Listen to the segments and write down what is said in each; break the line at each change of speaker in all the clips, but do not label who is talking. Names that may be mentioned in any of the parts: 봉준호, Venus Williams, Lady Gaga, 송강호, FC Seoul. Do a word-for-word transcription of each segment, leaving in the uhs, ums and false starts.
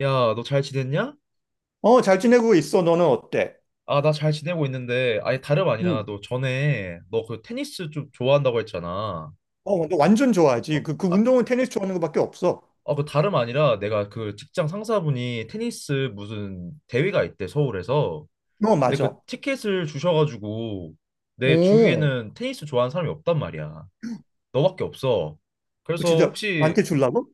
야, 너 잘 지냈냐?
어, 잘 지내고 있어. 너는 어때?
아, 나 잘 지내고 있는데, 아니, 다름 아니라,
응.
너 전에, 너 그 테니스 좀 좋아한다고 했잖아.
어, 너 완전 좋아하지.
어,
그, 그
아,
운동은 테니스 좋아하는 것밖에 없어.
어, 그 다름 아니라, 내가 그 직장 상사분이 테니스 무슨 대회가 있대, 서울에서.
어,
근데 그
맞아.
티켓을 주셔가지고, 내
오,
주위에는 테니스 좋아하는 사람이 없단 말이야. 너밖에 없어. 그래서
진짜 나한테
혹시,
주려고?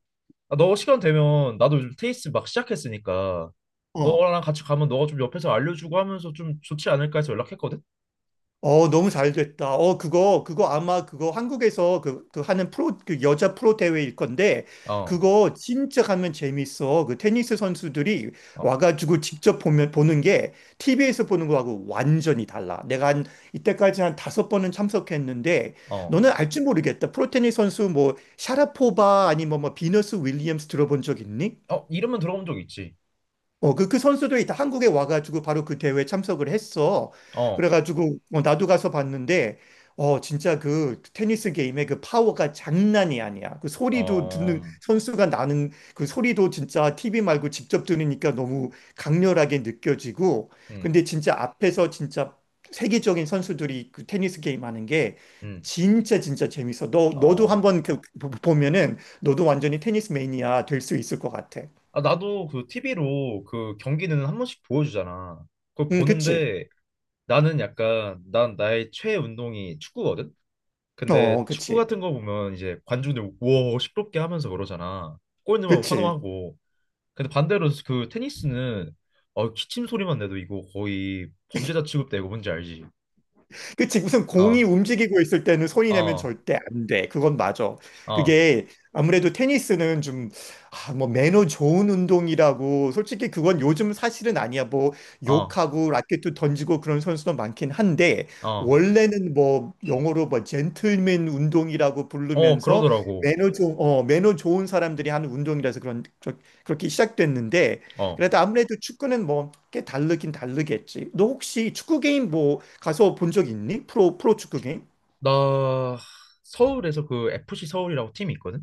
아, 너 시간 되면, 나도 요즘 테니스 막 시작했으니까,
어.
너랑 같이 가면 너가 좀 옆에서 알려주고 하면서 좀 좋지 않을까 해서 연락했거든?
어, 너무 잘 됐다. 어, 그거, 그거 아마 그거 한국에서 그, 그 하는 프로, 그 여자 프로 대회일 건데,
어.
그거 진짜 가면 재밌어. 그 테니스 선수들이
어,
와가지고 직접 보면, 보는 게 티비에서 보는 거하고 완전히 달라. 내가 한, 이때까지 한 다섯 번은 참석했는데,
어,
너는 알지 모르겠다. 프로 테니스 선수 뭐, 샤라포바 아니면 뭐, 비너스 윌리엄스 들어본 적 있니?
어, 이름은 들어본 적 있지.
어, 그, 그 선수들이 다 한국에 와가지고 바로 그 대회에 참석을 했어.
어,
그래가지고, 어, 나도 가서 봤는데, 어, 진짜 그 테니스 게임의 그 파워가 장난이 아니야. 그 소리도
어,
듣는,
음,
선수가 나는 그 소리도 진짜 티비 말고 직접 들으니까 너무 강렬하게 느껴지고,
음,
근데 진짜 앞에서 진짜 세계적인 선수들이 그 테니스 게임 하는 게
음,
진짜 진짜 재밌어. 너, 너도
어.
한번 그- 보면은 너도 완전히 테니스 매니아 될 수 있을 것 같아.
아, 나도 그 티비로 그 경기는 한 번씩 보여주잖아. 그걸
응, 그치?
보는데 나는 약간, 난 나의 최애 운동이 축구거든?
어,
근데 축구
그치.
같은 거 보면 이제 관중들 우와, 시끄럽게 하면서 그러잖아. 골 넣으면
그치.
환호하고. 근데 반대로 그 테니스는 어, 기침 소리만 내도 이거 거의 범죄자 취급되고 뭔지 알지?
그치. 무슨 공이
어,
움직이고 있을 때는 손이 내면
어,
절대 안 돼. 그건 맞아.
어,
그게 아무래도 테니스는 좀, 아, 뭐, 매너 좋은 운동이라고. 솔직히 그건 요즘 사실은 아니야. 뭐,
어,
욕하고 라켓도 던지고 그런 선수도 많긴 한데,
어.
원래는 뭐, 영어로 뭐, 젠틀맨 운동이라고
어,
부르면서
그러더라고.
매너 좋은, 어, 매너 좋은 사람들이 하는 운동이라서 그런, 저- 그렇게 시작됐는데,
어.
그래도 아무래도 축구는 뭐 꽤 다르긴 다르겠지. 너 혹시 축구 게임 뭐 가서 본 적 있니? 프로 프로 축구 게임?
나 서울에서 그 에프씨 서울이라고 팀이 있거든?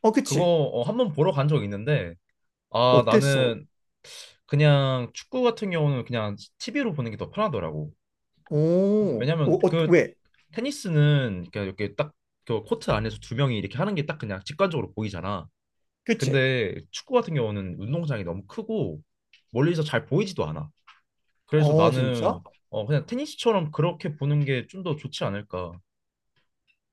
어,
그거
그치.
어, 한번 보러 간 적 있는데, 아,
어땠어?
나는 그냥 축구 같은 경우는 그냥 티비로 보는 게 더 편하더라고.
오, 어,
왜냐면
어,
그
왜?
테니스는 이렇게 이렇게 딱 그 코트 안에서 두 명이 이렇게 하는 게 딱 그냥 직관적으로 보이잖아.
그치.
근데 축구 같은 경우는 운동장이 너무 크고 멀리서 잘 보이지도 않아. 그래서
어, 진짜?
나는 어, 그냥 테니스처럼 그렇게 보는 게 좀 더 좋지 않을까.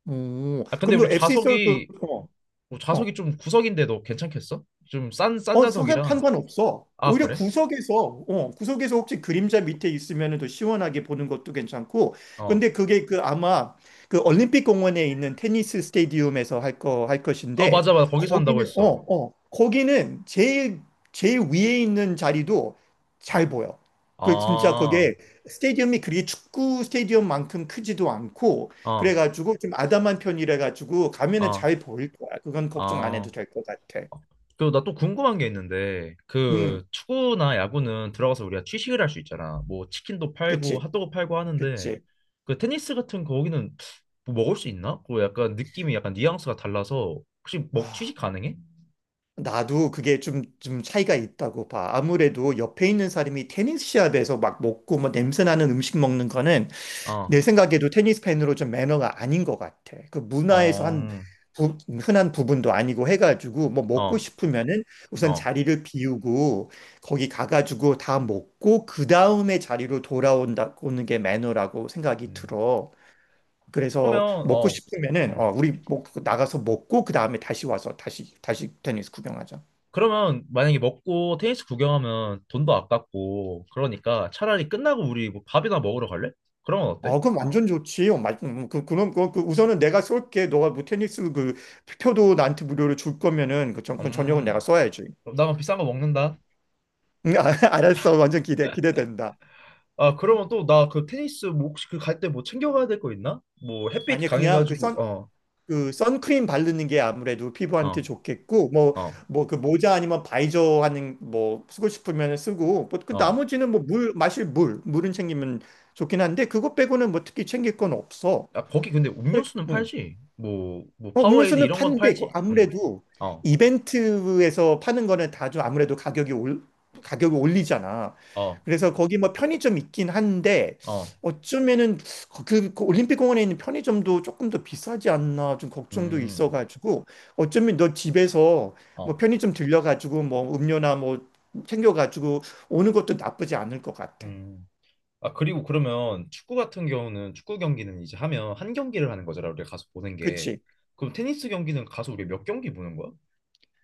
오,
아, 근데
그럼 너
우리
에프씨 서울 그,
좌석이
어,
뭐 좌석이
어.
좀 구석인데도 괜찮겠어? 좀 싼 싼
어, 상관
좌석이라.
상관 없어.
아,
오히려
그래?
구석에서, 어, 구석에서 혹시 그림자 밑에 있으면 더 시원하게 보는 것도 괜찮고.
어.
근데 그게 그 아마 그 올림픽 공원에 있는 테니스 스테디움에서 할 거, 할
아,
것인데,
맞아 맞아. 거기서 한다고
거기는, 어,
했어.
어, 거기는 제일, 제일 위에 있는 자리도 잘 보여. 그 진짜
아.
그게 스테디움이 그리 축구 스테디움만큼 크지도 않고,
아.
그래가지고 좀 아담한 편이라 가지고 가면은
아.
잘 보일 거야. 그건 걱정 안
아.
해도 될 것 같아.
그 나 또 궁금한 게 있는데
음,
그 축구나 야구는 들어가서 우리가 취식을 할 수 있잖아. 뭐 치킨도 팔고
그치.
핫도그 팔고 하는데
그치.
그 테니스 같은 거기는 뭐 먹을 수 있나? 그 약간 느낌이 약간 뉘앙스가 달라서 혹시 먹
아,
취식 가능해?
나도 그게 좀, 좀 차이가 있다고 봐. 아무래도 옆에 있는 사람이 테니스 시합에서 막 먹고 뭐 냄새 나는 음식 먹는 거는
어.
내 생각에도 테니스 팬으로 좀 매너가 아닌 것 같아. 그 문화에서 한
어.
부- 흔한 부분도 아니고 해가지고 뭐 먹고
어.
싶으면은 우선
어.
자리를 비우고 거기 가가지고 다 먹고 그 다음에 자리로 돌아온다, 오는 게 매너라고 생각이
음.
들어. 그래서
그러면
먹고
어.
싶으면은
음.
어, 우리 먹, 나가서 먹고 그 다음에 다시 와서 다시 다시 테니스 구경하자.
그러면 만약에 먹고 테니스 구경하면 돈도 아깝고 그러니까 차라리 끝나고 우리 뭐 밥이나 먹으러 갈래? 그런 건 어때?
어, 그럼 완전 좋지. 어, 맞, 음, 그, 그럼 그, 그 우선은 내가 쏠게. 너가 뭐 테니스 그 표도 나한테 무료로 줄 거면은 그 전, 그 전용은 내가
음,
써야지.
그럼 나만 비싼 거 먹는다.
음, 아, 알았어. 완전 기대 기대된다.
아, 그러면 또 나 그 테니스 뭐 혹시 그 갈 때 뭐 챙겨가야 될 거 있나? 뭐 햇빛
아니 그냥 그
강해가지고
선,
어,
그 선크림 바르는 게 아무래도 피부한테
어,
좋겠고 뭐
어,
뭐 그 모자 아니면 바이저 하는 뭐 쓰고 싶으면 쓰고 뭐그
어.
나머지는 뭐 물 마실 물 물은 챙기면 좋긴 한데 그것 빼고는 뭐 특히 챙길 건 없어.
아, 거기 근데 음료수는
응.
팔지? 뭐, 뭐
어,
파워에이드
음료수는
이런 건
파는데 그
팔지? 음,
아무래도
어,
이벤트에서 파는 거는 다 좀 아무래도 가격이 올 가격이 올리잖아.
어,
그래서 거기 뭐 편의점 있긴 한데
어,
어쩌면은 그, 그 그 올림픽 공원에 있는 편의점도 조금 더 비싸지 않나 좀 걱정도
음,
있어가지고 어쩌면 너 집에서 뭐
어,
편의점 들려가지고 뭐 음료나 뭐 챙겨가지고 오는 것도 나쁘지 않을 것 같아.
음. 아, 그리고 그러면 축구 같은 경우는 축구 경기는 이제 하면 한 경기를 하는 거잖아, 우리가 가서 보는 게.
그치?
그럼 테니스 경기는 가서 우리가 몇 경기 보는 거야?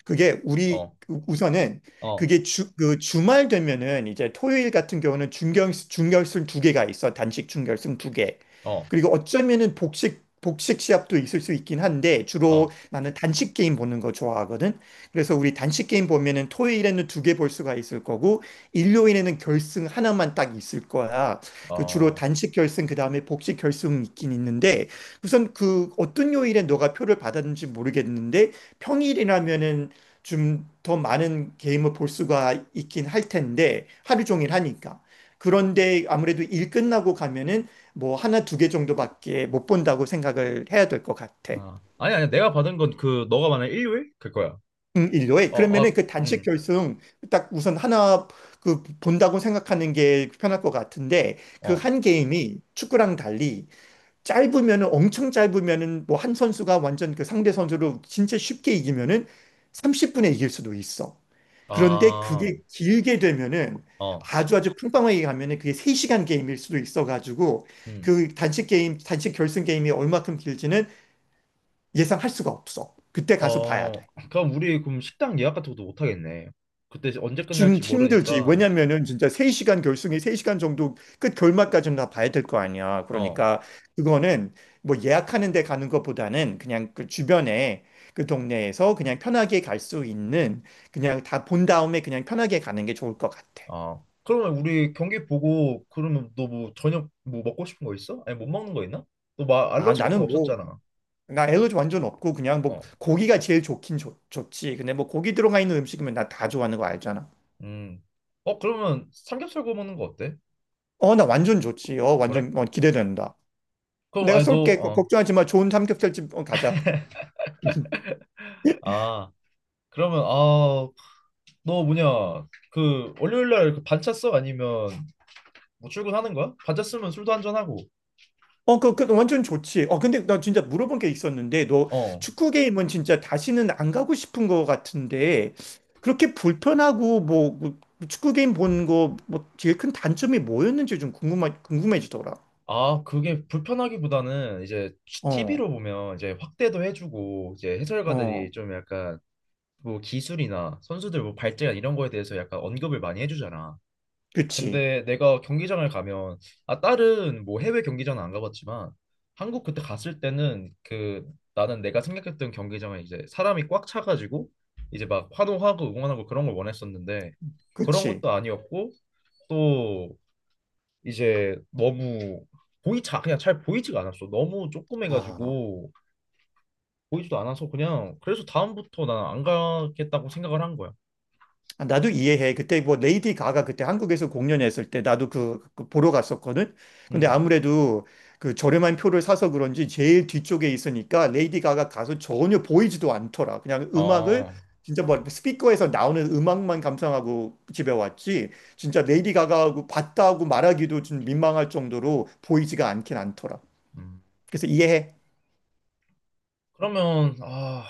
그게 우리
어,
우- 선은
어,
그게 주, 그 주말 되면은 이제 토요일 같은 경우는 중결, 중결승 두 개가 있어. 단식 중결승 두 개.
어,
그리고 어쩌면은 복식, 복식 시합도 있을 수 있긴 한데 주로
어,
나는 단식 게임 보는 거 좋아하거든. 그래서 우리 단식 게임 보면은 토요일에는 두 개 볼 수가 있을 거고 일요일에는 결승 하나만 딱 있을 거야. 그 주로
어,
단식 결승 그다음에 복식 결승 있긴 있는데 우선 그 어떤 요일에 너가 표를 받았는지 모르겠는데 평일이라면은 좀 더 많은 게임을 볼 수가 있긴 할 텐데 하루 종일 하니까. 그런데 아무래도 일 끝나고 가면은 뭐 하나 두 개 정도밖에 못 본다고 생각을 해야 될 것 같아.
아. 아니, 아니, 내가 받은 건 그, 너가 말한 일요일? 그거야.
음, 일요일
어, 어, 아,
그러면은 그 단식
음,
결승 딱 우선 하나 그 본다고 생각하는 게 편할 것 같은데 그
어,
한 게임이 축구랑 달리 짧으면은 엄청 짧으면은 뭐 한 선수가 완전 그 상대 선수로 진짜 쉽게 이기면은 삼십 분에 이길 수도 있어. 그런데
아,
그게 길게 되면은
어,
아주 아주 팽팽하게 가면은 그게 세 시간 게임일 수도 있어 가지고
음,
그 단식 게임, 단식 결승 게임이 얼마큼 길지는 예상할 수가 없어. 그때 가서 봐야
어.
돼.
그럼 우리 그럼 식당 예약 같은 것도 못 하겠네. 그때 언제
좀
끝날지
힘들지.
모르니까,
왜냐면은 진짜 세 시간 결승이 세 시간 정도 끝 결말까지는 다 봐야 될 거 아니야.
어.
그러니까 그거는 뭐 예약하는 데 가는 것보다는 그냥 그 주변에 그 동네에서 그냥 편하게 갈 수 있는 그냥 다 본 다음에 그냥 편하게 가는 게 좋을 것 같아.
아, 그러면 우리 경기 보고 그러면 너 뭐 저녁 뭐 먹고 싶은 거 있어? 아니 못 먹는 거 있나? 너 막
아,
알러지 같은 거
나는 뭐,
없었잖아.
나 엘러지 완전 없고 그냥 뭐
어.
고기가 제일 좋긴 좋, 좋지. 근데 뭐 고기 들어가 있는 음식이면 나 다 좋아하는 거 알잖아.
음. 어 그러면 삼겹살 구워 먹는 거 어때?
어, 나 완전 좋지. 어,
그래?
완전 어, 기대된다.
그럼
내가
아니 너
쏠게.
어.
걱정하지 마. 좋은 삼겹살집 어, 가자.
아, 그러면 아, 너 뭐냐? 그 월요일 날그 반차 써 아니면 뭐 출근하는 거야? 반차 쓰면 술도 한 잔 하고.
어, 그, 그, 완전 좋지. 어, 근데 나 진짜 물어본 게 있었는데, 너
어.
축구 게임은 진짜 다시는 안 가고 싶은 거 같은데, 그렇게 불편하고, 뭐, 뭐, 축구 게임 본 거, 뭐, 제일 큰 단점이 뭐였는지 좀 궁금하, 궁금해지더라.
아, 그게 불편하기보다는 이제
어,
티비로 보면 이제 확대도 해주고 이제
어,
해설가들이 좀 약간 뭐 기술이나 선수들 뭐 발전 이런 거에 대해서 약간 언급을 많이 해주잖아.
그치,
근데 내가 경기장을 가면 아 다른 뭐 해외 경기장은 안 가봤지만 한국 그때 갔을 때는 그 나는 내가 생각했던 경기장은 이제 사람이 꽉 차가지고 이제 막 환호하고 응원하고 그런 걸 원했었는데 그런
그치.
것도 아니었고 또 이제 너무 보이차 그냥 잘 보이지가 않았어. 너무
아.
조그매가지고 보이지도 않아서 그냥 그래서 다음부터 난 안 가겠다고 생각을 한 거야.
아, 나도 이해해. 그때 뭐 레이디 가가 그때 한국에서 공연했을 때 나도 그, 그 보러 갔었거든. 근데
음.
아무래도 그 저렴한 표를 사서 그런지 제일 뒤쪽에 있으니까 레이디 가가 가서 전혀 보이지도 않더라. 그냥 음악을
어,
진짜 뭐 스피커에서 나오는 음악만 감상하고 집에 왔지. 진짜 레이디 가가하고 봤다고 말하기도 좀 민망할 정도로 보이지가 않긴 않더라.
음.
그래서 이해해.
그러면, 아,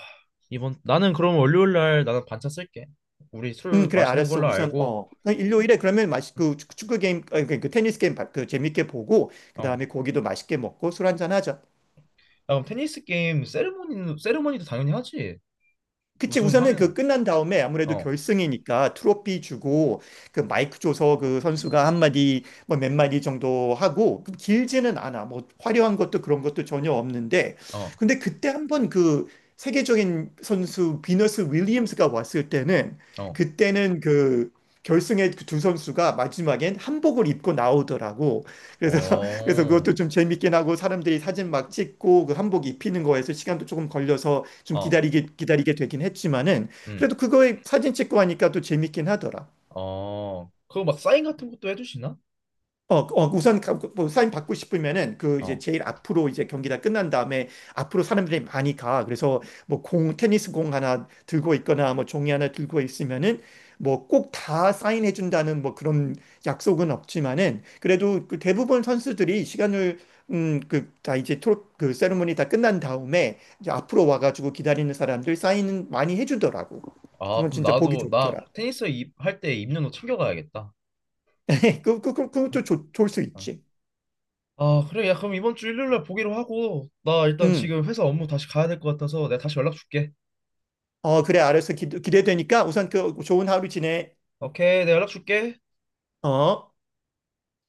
이번, 나는 그럼 월요일 날 나는 반차 쓸게. 우리
음,
술
그래,
마시는
알았어.
걸로
우선,
알고,
어, 그 일요일에 그러면 맛있, 그 축구 게임, 아니, 그, 그 테니스 게임 바- 그 재밌게 보고, 그
어. 야,
다음에 고기도 맛있게 먹고 술 한잔 하자.
그럼 테니스 게임, 세레모니, 세레모니도 당연히 하지.
그치, 우선은
우승하면,
그 끝난 다음에 아무래도
어,
결승이니까 트로피 주고 그 마이크 줘서 그 선수가 한마디 뭐 몇 마디 정도 하고 그 길지는 않아. 뭐 화려한 것도 그런 것도 전혀 없는데
어,
근데 그때 한번 그 세계적인 선수 비너스 윌리엄스가 왔을 때는
어,
그때는 그 결승에 그 두 선수가 마지막엔 한복을 입고 나오더라고. 그래서
어,
그래서 그것도 좀 재밌긴 하고 사람들이 사진 막 찍고 그 한복 입히는 거에서 시간도 조금 걸려서 좀
어,
기다리게 기다리게 되긴 했지만은
음,
그래도 그거에 사진 찍고 하니까 또 재밌긴 하더라.
어. 그거 막 사인 같은 것도 해주시나?
어, 어, 우선 가- 그, 뭐 사인 받고 싶으면은 그 이제
어.
제일 앞으로 이제 경기 다 끝난 다음에 앞으로 사람들이 많이 가. 그래서 뭐 공, 테니스 공 하나 들고 있거나 뭐 종이 하나 들고 있으면은 뭐 꼭 다 사인해 준다는 뭐 그런 약속은 없지만은 그래도 그 대부분 선수들이 시간을 음, 그, 다 이제 토, 그 세리머니 다 끝난 다음에 이제 앞으로 와가지고 기다리는 사람들 사인 많이 해주더라고.
아,
그건
그럼
진짜 보기
나도, 나
좋더라.
테니스 할 때 입는 옷 챙겨가야겠다.
그, 그, 그,
어.
그것도 좋, 좋을 수
어.
있지.
아, 그래. 야, 그럼 이번 주 일요일 날 보기로 하고, 나 일단
음.
지금 회사 업무 다시 가야 될 것 같아서 내가 다시 연락 줄게.
어, 그래, 알았어. 기, 기대되니까 우선 그 좋은 하루 지내.
오케이, 내가 연락 줄게.
어.